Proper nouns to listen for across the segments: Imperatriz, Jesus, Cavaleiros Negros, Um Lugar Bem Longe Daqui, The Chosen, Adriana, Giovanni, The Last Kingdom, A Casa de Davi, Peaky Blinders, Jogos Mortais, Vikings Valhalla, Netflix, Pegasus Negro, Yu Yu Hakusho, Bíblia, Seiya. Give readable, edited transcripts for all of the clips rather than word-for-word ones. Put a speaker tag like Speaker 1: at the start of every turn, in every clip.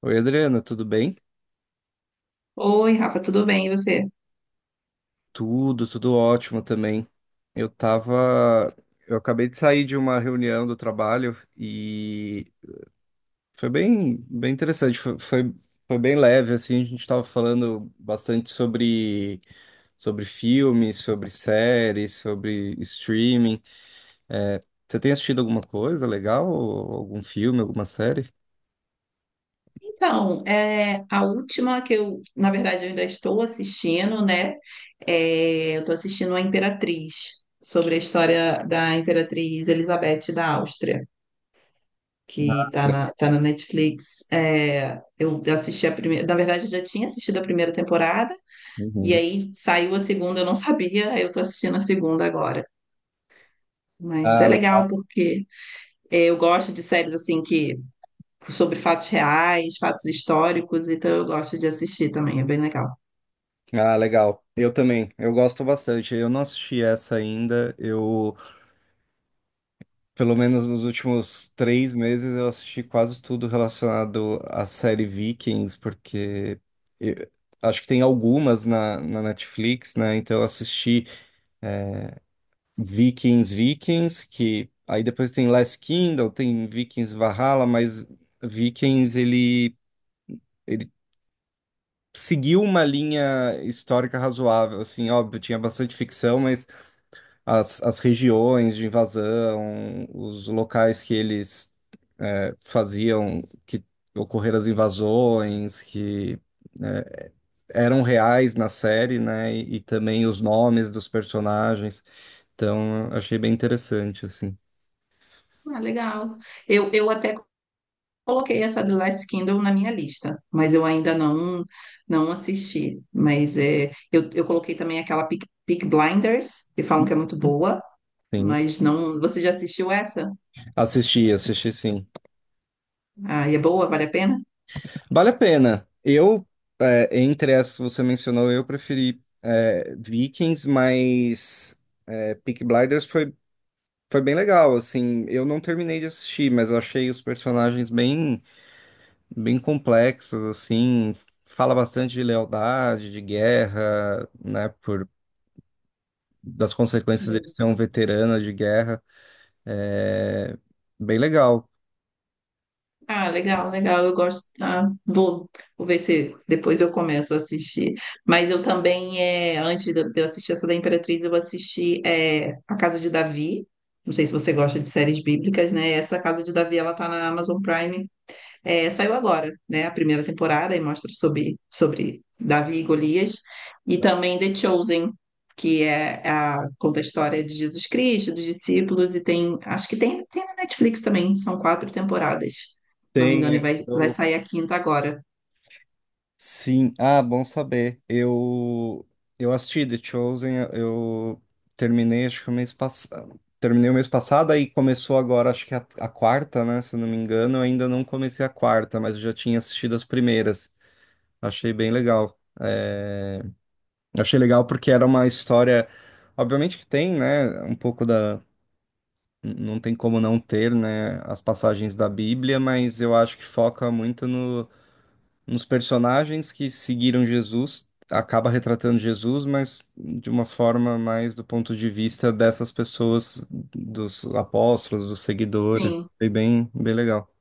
Speaker 1: Oi, Adriana, tudo bem?
Speaker 2: Oi, Rafa, tudo bem? E você?
Speaker 1: Tudo, ótimo também. Eu tava, eu acabei de sair de uma reunião do trabalho e foi bem interessante, foi bem leve assim, a gente tava falando bastante sobre filmes, sobre séries, sobre streaming. É, você tem assistido alguma coisa legal? Ou algum filme, alguma série?
Speaker 2: Então, a última que eu ainda estou assistindo, né? Eu estou assistindo a Imperatriz, sobre a história da Imperatriz Elizabeth da Áustria, que está tá na Netflix. Eu assisti a primeira, na verdade, eu já tinha assistido a primeira temporada,
Speaker 1: Uhum.
Speaker 2: e aí saiu a segunda, eu não sabia, aí eu estou assistindo a segunda agora. Mas
Speaker 1: Ah,
Speaker 2: é
Speaker 1: legal.
Speaker 2: legal porque eu gosto de séries assim que sobre fatos reais, fatos históricos, então eu gosto de assistir também, é bem legal.
Speaker 1: Ah, legal. Eu também. Eu gosto bastante. Eu não assisti essa ainda. Eu Pelo menos nos últimos 3 meses eu assisti quase tudo relacionado à série Vikings, porque eu- acho que tem algumas na Netflix, né? Então eu assisti Vikings, que aí depois tem Last Kingdom, tem Vikings Valhalla, mas Vikings ele seguiu uma linha histórica razoável, assim, óbvio, tinha bastante ficção, mas as regiões de invasão, os locais que eles faziam que ocorreram as invasões, que eh, eram reais na série, né? E também os nomes dos personagens. Então, eu achei bem interessante, assim.
Speaker 2: Ah, legal. Eu até coloquei essa The Last Kingdom na minha lista, mas eu ainda não assisti. Mas eu coloquei também aquela Peaky Blinders, que falam que é muito boa,
Speaker 1: Sim,
Speaker 2: mas não. Você já assistiu essa?
Speaker 1: assisti sim.
Speaker 2: Ah, e é boa? Vale a pena?
Speaker 1: Vale a pena. É, entre essas que você mencionou, eu preferi é, Vikings, mas é, Peaky Blinders foi bem legal, assim, eu não terminei de assistir, mas eu achei os personagens bem complexos, assim, fala bastante de lealdade, de guerra, né, por, das consequências de ser um veterano de guerra, é bem legal.
Speaker 2: Ah, legal, legal. Eu gosto. Tá? Vou ver se depois eu começo a assistir. Mas eu também, antes de eu assistir essa da Imperatriz, eu assisti A Casa de Davi. Não sei se você gosta de séries bíblicas, né? Essa Casa de Davi, ela tá na Amazon Prime. Saiu agora, né? A primeira temporada e mostra sobre Davi e Golias. E também The Chosen, que é conta a história de Jesus Cristo, dos discípulos, e tem, acho que tem na Netflix também, são quatro temporadas, se não me engano, e
Speaker 1: Tem,
Speaker 2: vai
Speaker 1: eu,
Speaker 2: sair a quinta agora.
Speaker 1: Sim, ah, bom saber. Eu assisti The Chosen, eu terminei acho que o mês passado. Terminei o mês passado aí começou agora acho que a quarta, né, se eu não me engano, eu ainda não comecei a quarta, mas eu já tinha assistido as primeiras. Achei bem legal. É, achei legal porque era uma história, obviamente que tem, né, um pouco da não tem como não ter, né, as passagens da Bíblia, mas eu acho que foca muito no nos personagens que seguiram Jesus, acaba retratando Jesus, mas de uma forma mais do ponto de vista dessas pessoas, dos apóstolos, dos seguidores.
Speaker 2: Sim.
Speaker 1: Foi bem legal.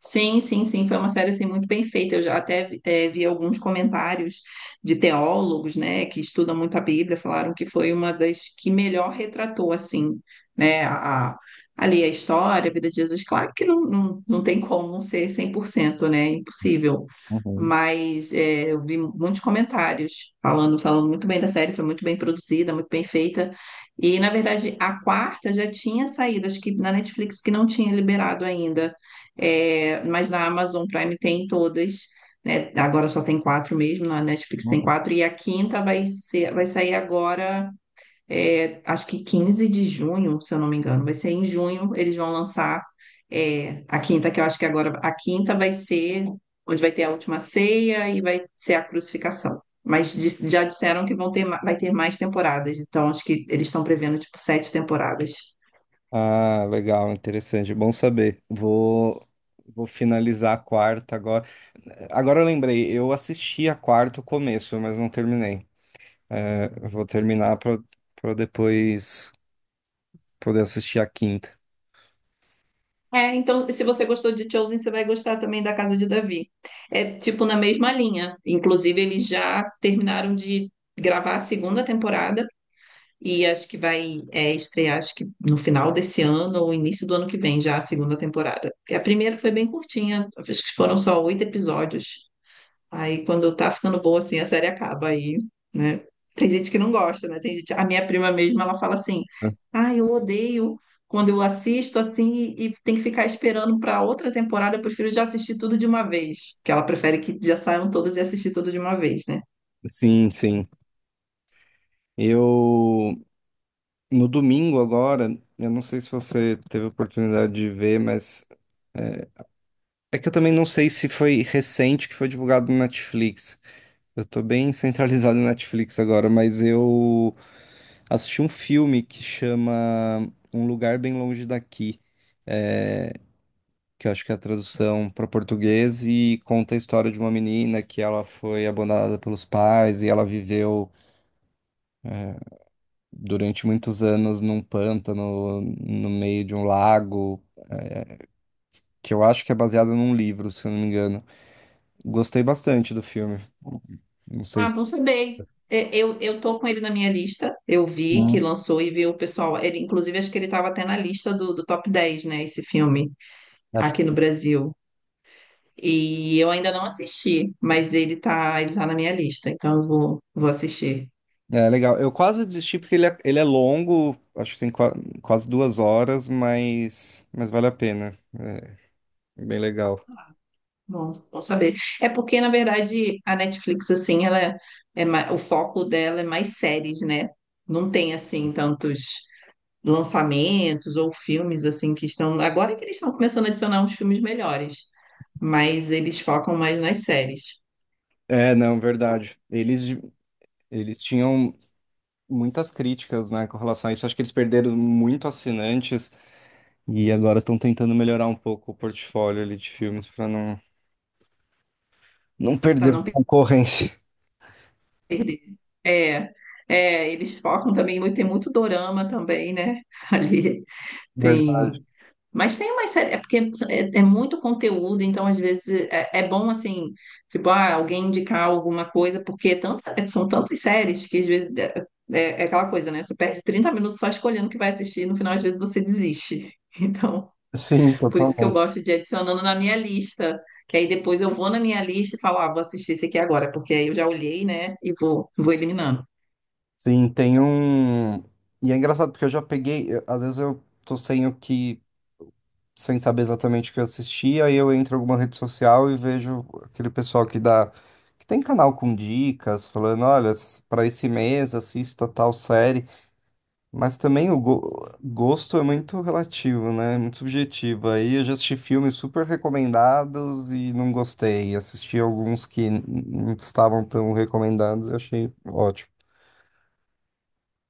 Speaker 2: Sim, sim, sim, foi uma série assim muito bem feita. Eu já até vi alguns comentários de teólogos, né, que estudam muito a Bíblia, falaram que foi uma das que melhor retratou assim, né, ali a história, a vida de Jesus. Claro que não tem como ser 100%, né, impossível.
Speaker 1: Uhum,
Speaker 2: Mas eu vi muitos comentários falando, falando muito bem da série, foi muito bem produzida, muito bem feita. E na verdade a quarta já tinha saído, acho que na Netflix que não tinha liberado ainda. É, mas na Amazon Prime tem todas, né? Agora só tem quatro mesmo, na Netflix tem
Speaker 1: uhum.
Speaker 2: quatro, e a quinta vai ser, vai sair agora, acho que 15 de junho, se eu não me engano. Vai ser em junho, eles vão lançar a quinta, que eu acho que agora a quinta vai ser onde vai ter a última ceia e vai ser a crucificação. Mas já disseram que vão ter, vai ter mais temporadas, então acho que eles estão prevendo tipo sete temporadas.
Speaker 1: Ah, legal, interessante, bom saber. Vou finalizar a quarta agora. Agora eu lembrei, eu assisti a quarta o começo, mas não terminei. Eu Vou terminar para depois poder assistir a quinta.
Speaker 2: É, então, se você gostou de Chosen, você vai gostar também da Casa de Davi. É tipo na mesma linha. Inclusive, eles já terminaram de gravar a segunda temporada e acho que vai estrear, acho que no final desse ano ou início do ano que vem, já a segunda temporada. Porque a primeira foi bem curtinha, acho que foram só oito episódios. Aí quando tá ficando boa assim, a série acaba aí, né? Tem gente que não gosta, né? Tem gente, a minha prima mesmo, ela fala assim: "Ah, eu odeio quando eu assisto assim e tem que ficar esperando para outra temporada, eu prefiro já assistir tudo de uma vez", que ela prefere que já saiam todas e assistir tudo de uma vez, né?
Speaker 1: Sim, sim. Eu No domingo agora, eu não sei se você teve a oportunidade de ver, mas é que eu também não sei se foi recente que foi divulgado no Netflix. Eu tô bem centralizado no Netflix agora, mas eu assisti um filme que chama Um Lugar Bem Longe Daqui, é, que eu acho que é a tradução para português e conta a história de uma menina que ela foi abandonada pelos pais e ela viveu durante muitos anos num pântano no meio de um lago. Que eu acho que é baseado num livro, se eu não me engano. Gostei bastante do filme. Não sei
Speaker 2: Ah,
Speaker 1: se.
Speaker 2: bom saber. Eu tô com ele na minha lista. Eu vi que
Speaker 1: Hum,
Speaker 2: lançou e vi o pessoal. Ele, inclusive, acho que ele estava até na lista do top 10, né? Esse filme
Speaker 1: acho
Speaker 2: aqui no
Speaker 1: que
Speaker 2: Brasil. E eu ainda não assisti, mas ele tá na minha lista, então eu vou assistir.
Speaker 1: é legal. Eu quase desisti porque ele é longo, acho que tem quase 2 horas, mas vale a pena. É é bem legal.
Speaker 2: Bom, bom saber. É porque, na verdade, a Netflix, assim, ela é, é ma- o foco dela é mais séries, né? Não tem, assim, tantos lançamentos ou filmes, assim, que estão. Agora é que eles estão começando a adicionar uns filmes melhores, mas eles focam mais nas séries.
Speaker 1: É, não, verdade. Eles tinham muitas críticas, né, com relação a isso. Acho que eles perderam muito assinantes e agora estão tentando melhorar um pouco o portfólio ali de filmes para não
Speaker 2: Para
Speaker 1: perder
Speaker 2: não
Speaker 1: concorrência.
Speaker 2: perder. É, eles focam também, tem muito dorama também, né? Ali
Speaker 1: Verdade.
Speaker 2: tem. Mas tem uma série, é porque é muito conteúdo, então às vezes é bom assim, tipo, ah, alguém indicar alguma coisa, porque é são tantas séries que às vezes é- é aquela coisa, né? Você perde 30 minutos só escolhendo o que vai assistir, e no final às vezes você desiste. Então,
Speaker 1: Sim,
Speaker 2: por isso que eu
Speaker 1: totalmente.
Speaker 2: gosto de ir adicionando na minha lista, que aí depois eu vou na minha lista e falo, ah, vou assistir esse aqui agora, porque aí eu já olhei, né, e vou eliminando.
Speaker 1: Sim, tem um. E é engraçado porque eu já peguei. Às vezes eu tô sem o que. Sem saber exatamente o que eu assisti, aí eu entro em alguma rede social e vejo aquele pessoal que dá. Que tem canal com dicas, falando: olha, para esse mês assista tal série. Mas também o gosto é muito relativo, né? É muito subjetivo. Aí eu já assisti filmes super recomendados e não gostei. Assisti alguns que não estavam tão recomendados e achei ótimo.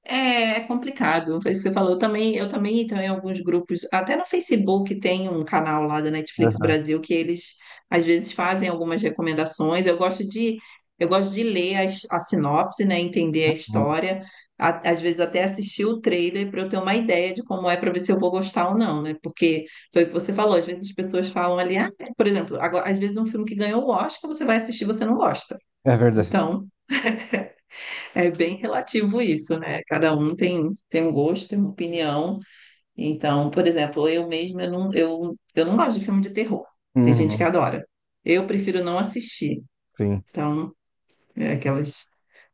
Speaker 2: É, é complicado, foi isso que você falou. Eu também entro em alguns grupos, até no Facebook tem um canal lá da Netflix Brasil que eles às vezes fazem algumas recomendações. Eu gosto de ler a sinopse, né, entender a
Speaker 1: Uhum.
Speaker 2: história, às vezes até assistir o trailer para eu ter uma ideia de como é para ver se eu vou gostar ou não, né? Porque foi o que você falou, às vezes as pessoas falam ali, ah, é, por exemplo, agora, às vezes um filme que ganhou o Oscar, você vai assistir, e você não gosta.
Speaker 1: É verdade.
Speaker 2: Então, é bem relativo isso, né? Cada um tem, tem um gosto, tem uma opinião. Então, por exemplo, eu mesma eu não gosto de filme de terror. Tem gente que
Speaker 1: Uhum,
Speaker 2: adora. Eu prefiro não assistir.
Speaker 1: sim.
Speaker 2: Então, é aqueles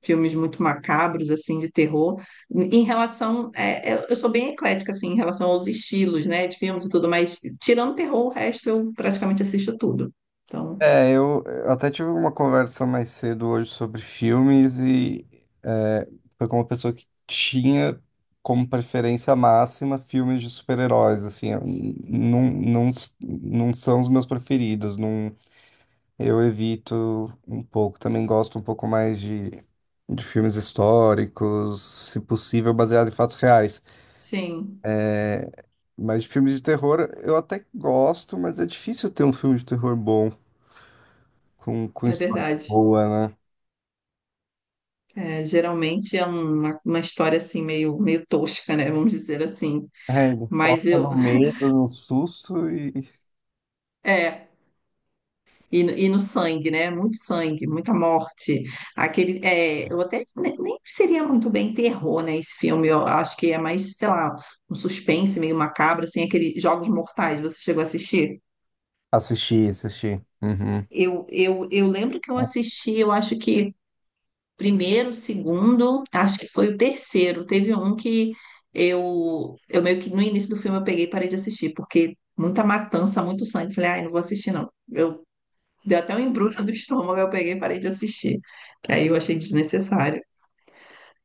Speaker 2: filmes muito macabros, assim, de terror. Em relação. Eu sou bem eclética, assim, em relação aos estilos, né, de filmes e tudo, mas tirando terror, o resto eu praticamente assisto tudo. Então,
Speaker 1: É, eu até tive uma conversa mais cedo hoje sobre filmes e é, foi com uma pessoa que tinha como preferência máxima filmes de super-heróis, assim, eu não são os meus preferidos, não, eu evito um pouco, também gosto um pouco mais de filmes históricos, se possível baseado em fatos reais,
Speaker 2: sim,
Speaker 1: mas de filmes de terror eu até gosto, mas é difícil ter um filme de terror bom. Com
Speaker 2: é
Speaker 1: história
Speaker 2: verdade.
Speaker 1: boa, né?
Speaker 2: É, geralmente é uma história assim meio, meio tosca, né? Vamos dizer assim.
Speaker 1: É, ele
Speaker 2: Mas
Speaker 1: foca
Speaker 2: eu
Speaker 1: no medo, no susto e
Speaker 2: é e, e no sangue, né? Muito sangue, muita morte. Aquele eu até nem seria muito bem terror, né? Esse filme eu acho que é mais, sei lá, um suspense meio macabro, assim, aquele Jogos Mortais. Você chegou a assistir?
Speaker 1: assisti. Uhum.
Speaker 2: Eu lembro que eu assisti, eu acho que primeiro, segundo, acho que foi o terceiro. Teve um que eu meio que no início do filme eu peguei e parei de assistir, porque muita matança, muito sangue. Falei, ai, não vou assistir, não. Eu deu até um embrulho do estômago, eu peguei e parei de assistir. Aí eu achei desnecessário.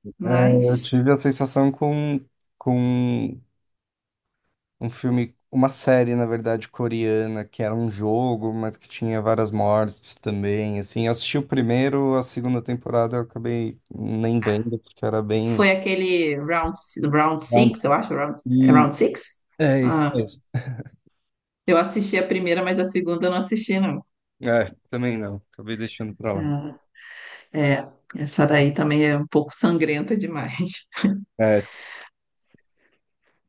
Speaker 1: É, eu
Speaker 2: Mas
Speaker 1: tive a sensação com um filme, uma série, na verdade, coreana, que era um jogo, mas que tinha várias mortes também. Assim, eu assisti o primeiro, a segunda temporada eu acabei nem vendo, porque era bem.
Speaker 2: foi aquele round
Speaker 1: Não,
Speaker 2: six, eu acho, é é
Speaker 1: e
Speaker 2: round six?
Speaker 1: é isso
Speaker 2: Ah,
Speaker 1: mesmo.
Speaker 2: eu assisti a primeira, mas a segunda eu não assisti, não.
Speaker 1: É, também não. Acabei deixando pra lá.
Speaker 2: Ah, é, essa daí também é um pouco sangrenta demais.
Speaker 1: É,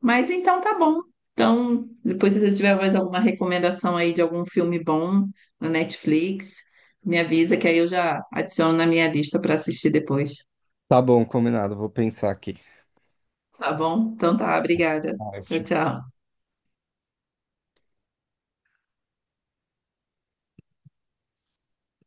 Speaker 2: Mas então tá bom. Então, depois se você tiver mais alguma recomendação aí de algum filme bom na Netflix, me avisa que aí eu já adiciono na minha lista para assistir depois.
Speaker 1: tá bom, combinado. Vou pensar aqui.
Speaker 2: Tá bom? Então tá, obrigada.
Speaker 1: Ah, eu
Speaker 2: Tchau,
Speaker 1: assisti
Speaker 2: tchau.